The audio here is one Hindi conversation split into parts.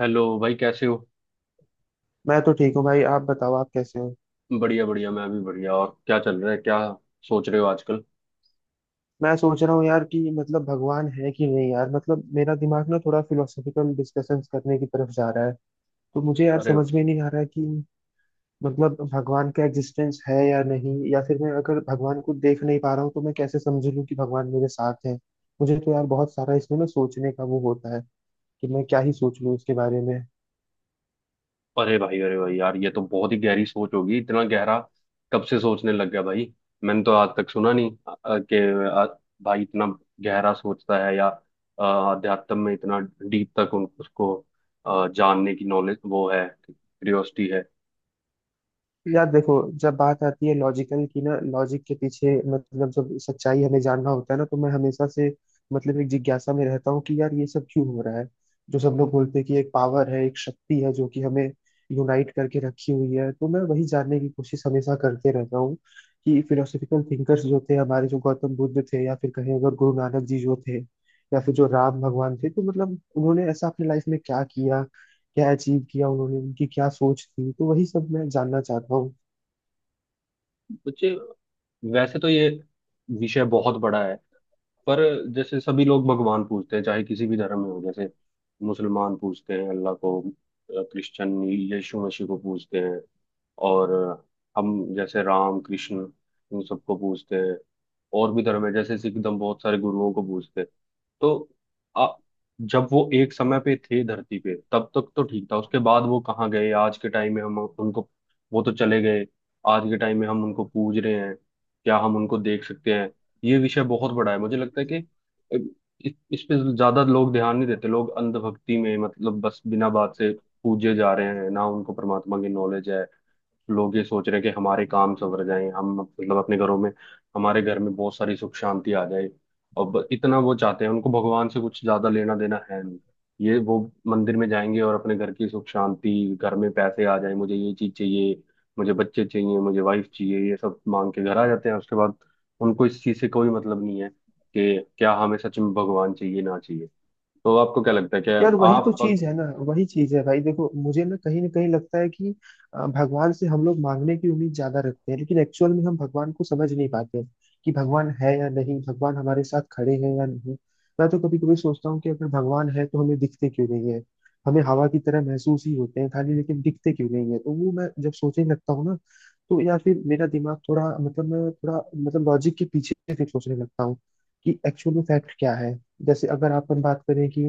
हेलो भाई, कैसे हो। मैं तो ठीक हूँ भाई। आप बताओ, आप कैसे हो। बढ़िया बढ़िया, मैं भी बढ़िया। और क्या चल रहा है, क्या सोच रहे हो आजकल। मैं सोच रहा हूँ यार कि मतलब भगवान है कि नहीं यार। मतलब मेरा दिमाग ना थोड़ा फिलोसॉफिकल डिस्कशंस करने की तरफ जा रहा है। तो मुझे यार अरे, समझ में नहीं आ रहा है कि मतलब भगवान का एग्जिस्टेंस है या नहीं। या फिर मैं अगर भगवान को देख नहीं पा रहा हूँ तो मैं कैसे समझ लूँ कि भगवान मेरे साथ है। मुझे तो यार बहुत सारा इसमें ना सोचने का वो होता है कि मैं क्या ही सोच लूँ इसके बारे में। अरे भाई, अरे भाई यार, ये तो बहुत ही गहरी सोच होगी। इतना गहरा कब से सोचने लग गया भाई। मैंने तो आज तक सुना नहीं, कि भाई इतना गहरा सोचता है, या अध्यात्म में इतना डीप तक उन उसको जानने की नॉलेज वो है, क्यूरियोसिटी है। यार देखो, जब बात आती है लॉजिकल की ना, लॉजिक के पीछे, मतलब जब सच्चाई हमें जानना होता है ना, तो मैं हमेशा से मतलब एक जिज्ञासा में रहता हूँ कि यार ये सब क्यों हो रहा है। जो सब लोग बोलते हैं कि एक पावर है, एक शक्ति है जो कि हमें यूनाइट करके रखी हुई है, तो मैं वही जानने की कोशिश हमेशा करते रहता हूँ कि फिलोसफिकल थिंकर्स जो थे हमारे, जो गौतम बुद्ध थे, या फिर कहें अगर गुरु नानक जी जो थे, या फिर जो राम भगवान थे, तो मतलब उन्होंने ऐसा अपनी लाइफ में क्या किया, क्या अचीव किया उन्होंने, उनकी क्या सोच थी। तो वही सब मैं जानना चाहता हूँ। बच्चे, वैसे तो ये विषय बहुत बड़ा है। पर जैसे सभी लोग भगवान पूजते हैं, चाहे किसी भी धर्म में हो। जैसे मुसलमान पूजते हैं अल्लाह को, क्रिश्चियन यीशु मसीह को पूजते हैं, और हम जैसे राम कृष्ण, इन सबको पूजते हैं। और भी धर्म है, जैसे सिख धर्म, बहुत सारे गुरुओं को पूजते हैं। तो आ, जब वो एक समय पे थे धरती पे, तब तक तो ठीक था। उसके बाद वो कहाँ गए, आज के टाइम में हम उनको, वो तो चले गए, आज के टाइम में हम उनको पूज रहे हैं। क्या हम उनको देख सकते हैं? ये विषय बहुत बड़ा है। मुझे लगता है कि अ, इस पे ज्यादा लोग ध्यान नहीं देते। लोग अंधभक्ति में, मतलब बस, बिना बात से पूजे जा रहे हैं। ना उनको परमात्मा की नॉलेज है। लोग ये सोच रहे हैं कि हमारे काम सवर जाएं, हम मतलब अपने घरों में, हमारे घर में बहुत सारी सुख शांति आ जाए। और इतना वो चाहते हैं, उनको भगवान से कुछ ज्यादा लेना देना है नहीं। ये वो मंदिर में जाएंगे और अपने घर की सुख शांति, घर में पैसे आ जाए, मुझे ये चीज चाहिए, मुझे बच्चे चाहिए, मुझे वाइफ चाहिए, ये सब मांग के घर आ जाते हैं। उसके बाद उनको इस चीज से कोई मतलब नहीं है कि क्या हमें सच में भगवान चाहिए ना चाहिए। तो आपको क्या लगता है, क्या यार वही तो आप? चीज है ना। वही चीज है भाई। देखो, मुझे ना कहीं लगता है कि भगवान से हम लोग मांगने की उम्मीद ज्यादा रखते हैं, लेकिन एक्चुअल में हम भगवान को समझ नहीं पाते कि भगवान है या नहीं, भगवान हमारे साथ खड़े हैं या नहीं। मैं तो कभी कभी सोचता हूँ कि अगर भगवान है तो हमें दिखते क्यों नहीं है। हमें हवा की तरह महसूस ही होते हैं खाली, लेकिन दिखते क्यों नहीं है। तो वो मैं जब सोचने लगता हूँ ना, तो या फिर मेरा दिमाग थोड़ा मतलब मैं थोड़ा मतलब लॉजिक के पीछे फिर सोचने लगता हूँ कि एक्चुअल में फैक्ट क्या है। जैसे अगर अपन बात करें कि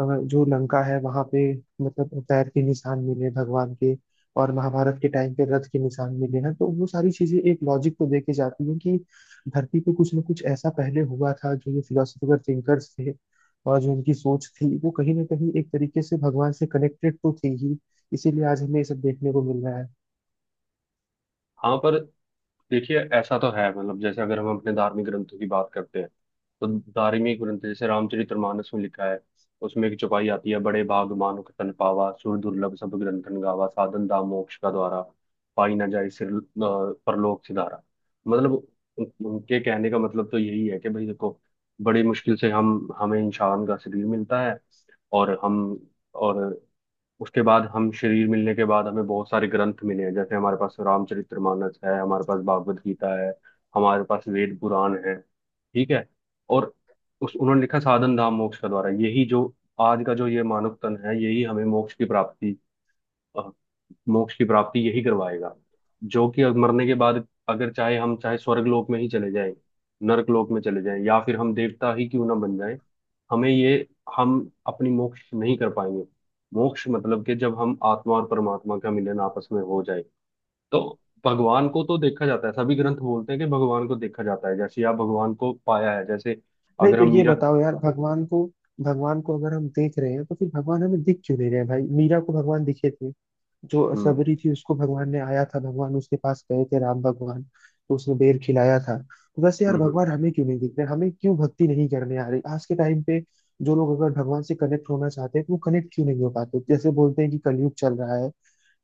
जो लंका है वहां पे, मतलब पैर के निशान मिले भगवान के, और महाभारत के टाइम पे रथ के निशान मिले हैं, तो वो सारी चीजें एक लॉजिक को देके जाती हैं कि धरती पे कुछ ना कुछ ऐसा पहले हुआ था। जो ये फिलोसफर थिंकर्स थे, और जो उनकी सोच थी, वो कहीं ना कहीं एक तरीके से भगवान से कनेक्टेड तो थी ही, इसीलिए आज हमें ये सब देखने को मिल रहा है। हाँ, पर देखिए, ऐसा तो है, मतलब, जैसे अगर हम अपने धार्मिक ग्रंथों की बात करते हैं, तो धार्मिक ग्रंथ जैसे रामचरितमानस में लिखा है। उसमें एक चौपाई आती है, बड़े भागमानो के तन पावा, सुर दुर्लभ सब ग्रंथन गावा, साधन दाम मोक्ष का द्वारा, पाई ना जाए सिर, परलोक सिधारा। मतलब उनके कहने का मतलब तो यही है कि भाई देखो, बड़ी मुश्किल से हम हमें इंसान का शरीर मिलता है। और हम और उसके बाद हम, शरीर मिलने के बाद हमें बहुत सारे ग्रंथ मिले हैं, जैसे हमारे पास रामचरितमानस है, हमारे पास भागवत गीता है, हमारे पास वेद पुराण है, ठीक है। और उस उन्होंने लिखा, साधन धाम मोक्ष का द्वारा, यही जो आज का जो ये मानव तन है, यही हमें मोक्ष की प्राप्ति, अ, मोक्ष की प्राप्ति यही करवाएगा। जो कि अब मरने के बाद, अगर चाहे हम, चाहे स्वर्ग लोक में ही चले जाएं, नरक लोक में चले जाएं, या फिर हम देवता ही क्यों ना बन जाएं, हमें ये, हम अपनी मोक्ष नहीं कर पाएंगे। मोक्ष मतलब कि जब हम आत्मा और परमात्मा का मिलन आपस में हो जाए, तो भगवान को तो देखा जाता है। सभी ग्रंथ बोलते हैं कि भगवान को देखा जाता है, जैसे आप भगवान को पाया है, जैसे नहीं, अगर तो हम ये मीरा, बताओ यार, भगवान को अगर हम देख रहे हैं तो फिर भगवान हमें दिख क्यों नहीं रहे हैं भाई। मीरा को भगवान दिखे थे, जो हम्म, सबरी थी उसको भगवान ने आया था, भगवान उसके पास गए थे राम भगवान, तो उसने बेर खिलाया था। तो वैसे यार हम्म, भगवान हमें क्यों नहीं दिख रहे, हमें क्यों भक्ति नहीं करने आ रही आज के टाइम पे। जो लोग अगर भगवान से कनेक्ट होना चाहते हैं तो वो कनेक्ट क्यों नहीं हो पाते। जैसे बोलते हैं कि कलयुग चल रहा है,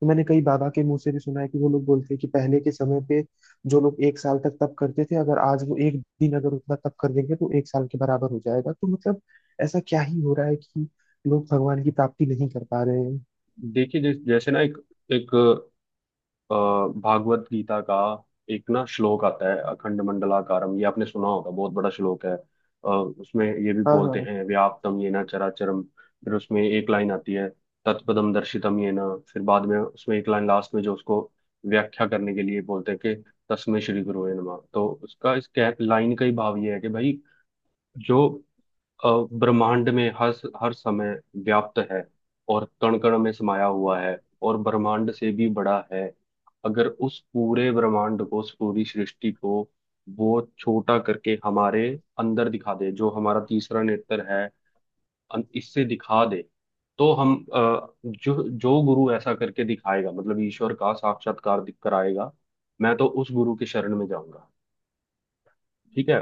तो मैंने कई बाबा के मुंह से भी सुना है कि वो लोग बोलते हैं कि पहले के समय पे जो लोग एक साल तक तप करते थे, अगर आज वो एक दिन अगर उतना तप कर देंगे तो एक साल के बराबर हो जाएगा। तो मतलब ऐसा क्या ही हो रहा है कि लोग भगवान की प्राप्ति नहीं कर पा रहे हैं। देखिए, जैसे जैसे ना, एक, एक अ, भागवत गीता का एक ना श्लोक आता है, अखंड मंडलाकारम, ये आपने सुना होगा, बहुत बड़ा श्लोक है। उसमें ये भी हाँ बोलते हाँ। हैं, व्याप्तम येन चराचरम, फिर उसमें एक लाइन आती है, तत्पदम दर्शितम येन, फिर बाद में उसमें एक लाइन लास्ट में जो उसको व्याख्या करने के लिए बोलते हैं कि, तस्मै श्री गुरुवे नमः। तो उसका, इस लाइन का ही भाव ये है कि भाई, जो अ, ब्रह्मांड में हर हर समय व्याप्त है, और कण कण में समाया हुआ है, और ब्रह्मांड से भी बड़ा है। अगर उस पूरे ब्रह्मांड को, उस पूरी सृष्टि को वो छोटा करके हमारे अंदर दिखा दे, जो हमारा तीसरा नेत्र है, इससे दिखा दे, तो हम, जो जो गुरु ऐसा करके दिखाएगा, मतलब ईश्वर का साक्षात्कार कराएगा, मैं तो उस गुरु के शरण में जाऊंगा। ठीक है,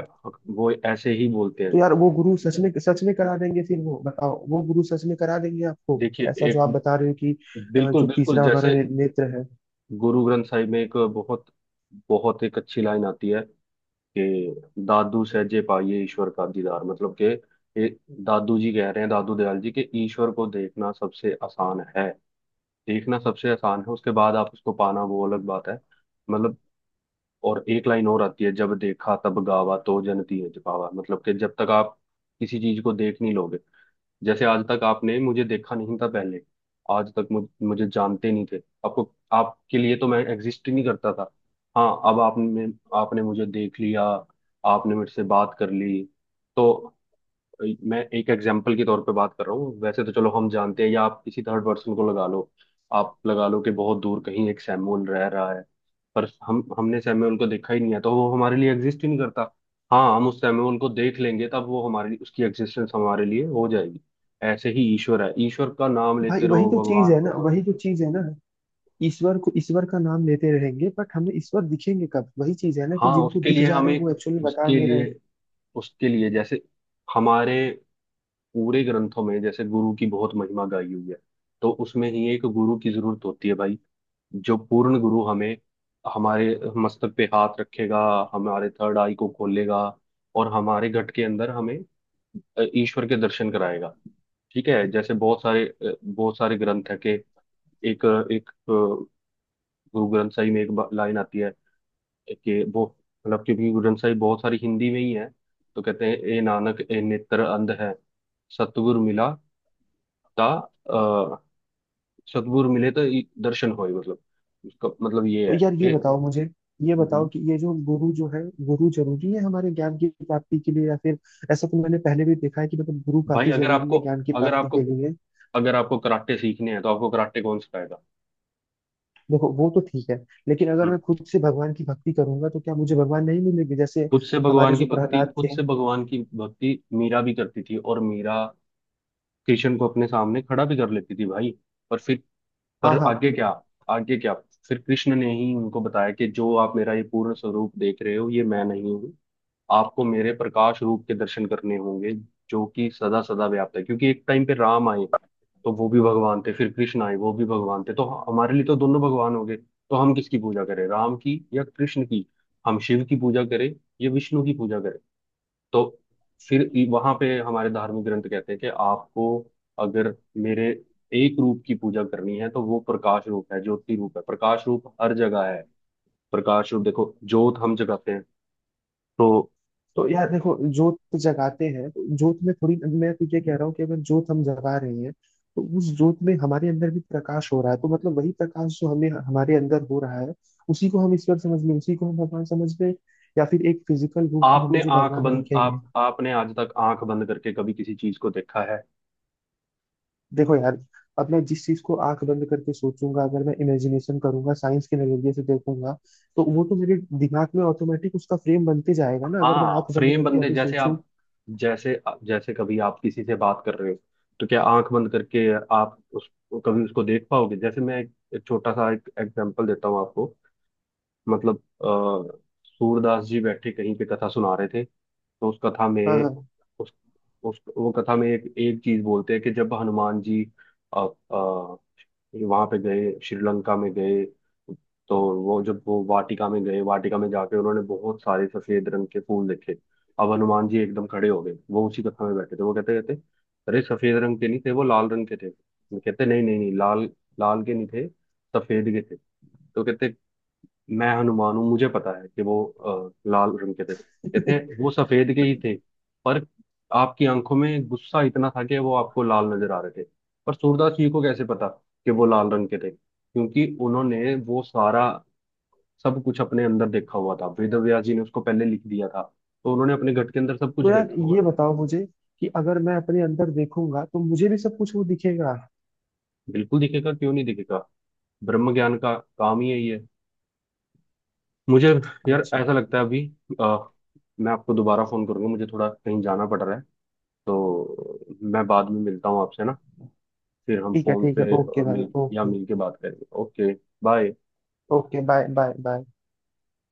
वो ऐसे ही बोलते तो हैं। यार वो गुरु सच में करा देंगे फिर, वो बताओ। वो गुरु सच में करा देंगे आपको, देखिए, ऐसा जो एक, आप बता रहे हो कि बिल्कुल जो बिल्कुल, तीसरा हमारा जैसे नेत्र है। गुरु ग्रंथ साहिब में एक बहुत बहुत एक अच्छी लाइन आती है कि, दादू सहजे पाइए ईश्वर का दीदार। मतलब कि, ये दादू जी कह रहे हैं, दादू दयाल जी, कि ईश्वर को देखना सबसे आसान है, देखना सबसे आसान है। उसके बाद आप उसको पाना, वो अलग बात है, मतलब। और एक लाइन और आती है, जब देखा तब गावा, तो जन तीज पावा, मतलब कि जब तक आप किसी चीज को देख नहीं लोगे, जैसे आज तक आपने मुझे देखा नहीं था पहले, आज तक मुझे जानते नहीं थे, आपको, आपके लिए तो मैं एग्जिस्ट ही नहीं करता था। हाँ, अब आपने, मुझे देख लिया, आपने मेरे से बात कर ली, तो, मैं एक एग्जाम्पल के तौर पे बात कर रहा हूँ, वैसे तो चलो हम जानते हैं, या आप किसी थर्ड पर्सन को लगा लो। आप लगा लो कि बहुत दूर कहीं एक सैमुअल रह रहा है, पर हम हमने सैमुअल को देखा ही नहीं है, तो वो हमारे लिए एग्जिस्ट ही नहीं करता। हाँ, हम उस सैमुअल को देख लेंगे, तब वो हमारी, उसकी एग्जिस्टेंस हमारे लिए हो जाएगी। ऐसे ही ईश्वर है, ईश्वर का नाम लेते भाई वही रहो, तो चीज भगवान है ना, भगवान। वही तो चीज है ना। ईश्वर को, ईश्वर का नाम लेते रहेंगे बट हमें ईश्वर दिखेंगे कब। वही चीज है ना कि हाँ, जिनको उसके दिख लिए जा हम रहे हैं वो एक, एक्चुअली बता उसके नहीं रहे हैं। लिए उसके लिए जैसे हमारे पूरे ग्रंथों में जैसे गुरु की बहुत महिमा गाई हुई है, तो उसमें ही एक गुरु की जरूरत होती है भाई, जो पूर्ण गुरु हमें, हमारे मस्तक पे हाथ रखेगा, हमारे थर्ड आई को खोलेगा, और हमारे घट के अंदर हमें ईश्वर के दर्शन कराएगा। ठीक है, जैसे बहुत सारे, बहुत सारे ग्रंथ है कि, एक, गुरु ग्रंथ साहिब में एक लाइन आती है कि वो, मतलब, क्योंकि गुरु ग्रंथ साहिब बहुत सारी हिंदी में ही है, तो कहते हैं, ए नानक, ए नेत्र अंध है, सतगुरु मिला ता, अ, सद्गुर मिले तो दर्शन होए, मतलब, उसका मतलब ये तो है यार ये कि, बताओ मुझे, ये बताओ हम्म। कि ये जो गुरु जो है, गुरु जरूरी है हमारे ज्ञान की प्राप्ति के लिए या फिर, ऐसा तो मैंने पहले भी देखा है कि मतलब गुरु भाई, काफी जरूरी है ज्ञान की अगर प्राप्ति के आपको लिए। अगर आपको कराटे सीखने हैं, तो आपको कराटे कौन सिखाएगा? देखो वो तो ठीक है, लेकिन अगर हम्म। मैं खुद से भगवान की भक्ति करूंगा तो क्या मुझे भगवान नहीं मिलेंगे। जैसे हमारे जो प्रहलाद खुद थे। से भगवान की भक्ति मीरा भी करती थी, और मीरा कृष्ण को अपने सामने खड़ा भी कर लेती थी भाई। पर फिर, हाँ पर हाँ। आगे क्या, आगे क्या? फिर कृष्ण ने ही उनको बताया कि, जो आप मेरा ये पूर्ण स्वरूप देख रहे हो, ये मैं नहीं हूँ। आपको मेरे प्रकाश रूप के दर्शन करने होंगे, जो कि सदा सदा व्याप्त है। क्योंकि एक टाइम पे राम आए, तो वो भी भगवान थे, फिर कृष्ण आए, वो भी भगवान थे, तो हमारे लिए तो दोनों भगवान हो गए, तो हम किसकी पूजा करें, राम की या कृष्ण की? हम शिव की पूजा करें, या विष्णु की पूजा करें? तो फिर वहां पे हमारे धार्मिक ग्रंथ कहते हैं कि आपको, अगर मेरे एक रूप की पूजा करनी है, तो वो प्रकाश रूप है, ज्योति रूप है, प्रकाश रूप हर जगह है। प्रकाश रूप देखो, ज्योत हम जगाते हैं, तो तो यार देखो, जोत जगाते हैं तो जोत में थोड़ी, मैं तो ये कह रहा हूँ कि अगर जोत हम जगा रहे हैं तो उस जोत में हमारे अंदर भी प्रकाश हो रहा है। तो मतलब वही प्रकाश जो हमें हमारे अंदर हो रहा है, उसी को हम ईश्वर समझ लें, उसी को हम भगवान समझ लें, या फिर एक फिजिकल रूप में हमें आपने जो आंख भगवान बंद, दिखेंगे। आप आपने आज तक आंख बंद करके कभी किसी चीज को देखा है? देखो यार, अब मैं जिस चीज को आंख बंद करके सोचूंगा, अगर मैं इमेजिनेशन करूंगा, साइंस के नजरिए से देखूंगा, तो वो तो मेरे दिमाग में ऑटोमेटिक उसका फ्रेम बनते जाएगा ना, अगर मैं हाँ, आंख बंद फ्रेम करके बंदे, अभी जैसे सोचूं। आप, जैसे जैसे कभी आप किसी से बात कर रहे हो, तो क्या आंख बंद करके आप उस, कभी उसको देख पाओगे? जैसे मैं एक छोटा सा एक एग्जांपल देता हूँ आपको, मतलब अ, सूरदास जी बैठे कहीं पे कथा सुना रहे थे, तो उस कथा हाँ में, हाँ। उस उस वो कथा में एक एक चीज बोलते हैं कि, जब हनुमान जी आ, आ, वहां पे गए, श्रीलंका में गए, तो वो, जब वो वाटिका में गए, वाटिका में जाके उन्होंने बहुत सारे सफेद रंग के फूल देखे। अब हनुमान जी एकदम खड़े हो गए, वो उसी कथा में बैठे थे, वो कहते कहते, अरे सफेद रंग के नहीं थे, वो लाल रंग के थे। कहते, नहीं नहीं नहीं, लाल, लाल के नहीं थे, सफेद के थे। तो कहते, मैं हनुमान हूँ, मुझे पता है कि वो लाल रंग के थे। कहते हैं वो सफेद के ही थे, पर आपकी आंखों में गुस्सा इतना था कि वो आपको लाल नजर आ रहे थे। पर सूरदास जी को कैसे पता कि वो लाल रंग के थे? क्योंकि उन्होंने वो सारा सब कुछ अपने अंदर देखा हुआ था, वेदव्यास जी ने उसको पहले लिख दिया था, तो उन्होंने अपने घट के अंदर सब कुछ तो यार देखा हुआ ये था। बताओ मुझे कि अगर मैं अपने अंदर देखूंगा तो मुझे भी सब कुछ वो दिखेगा। बिल्कुल दिखेगा, क्यों नहीं दिखेगा, ब्रह्म ज्ञान का काम ही यही है। मुझे, यार अच्छा, ऐसा लगता है, अभी अ, मैं आपको दोबारा फोन करूंगा, मुझे थोड़ा कहीं जाना पड़ रहा है, तो मैं बाद में मिलता हूँ आपसे ना, फिर हम ठीक है, फोन ठीक पे है, ओके भाई, मिल, या ओके। मिल के बात करेंगे। Okay, bye. Okay, bye bye bye.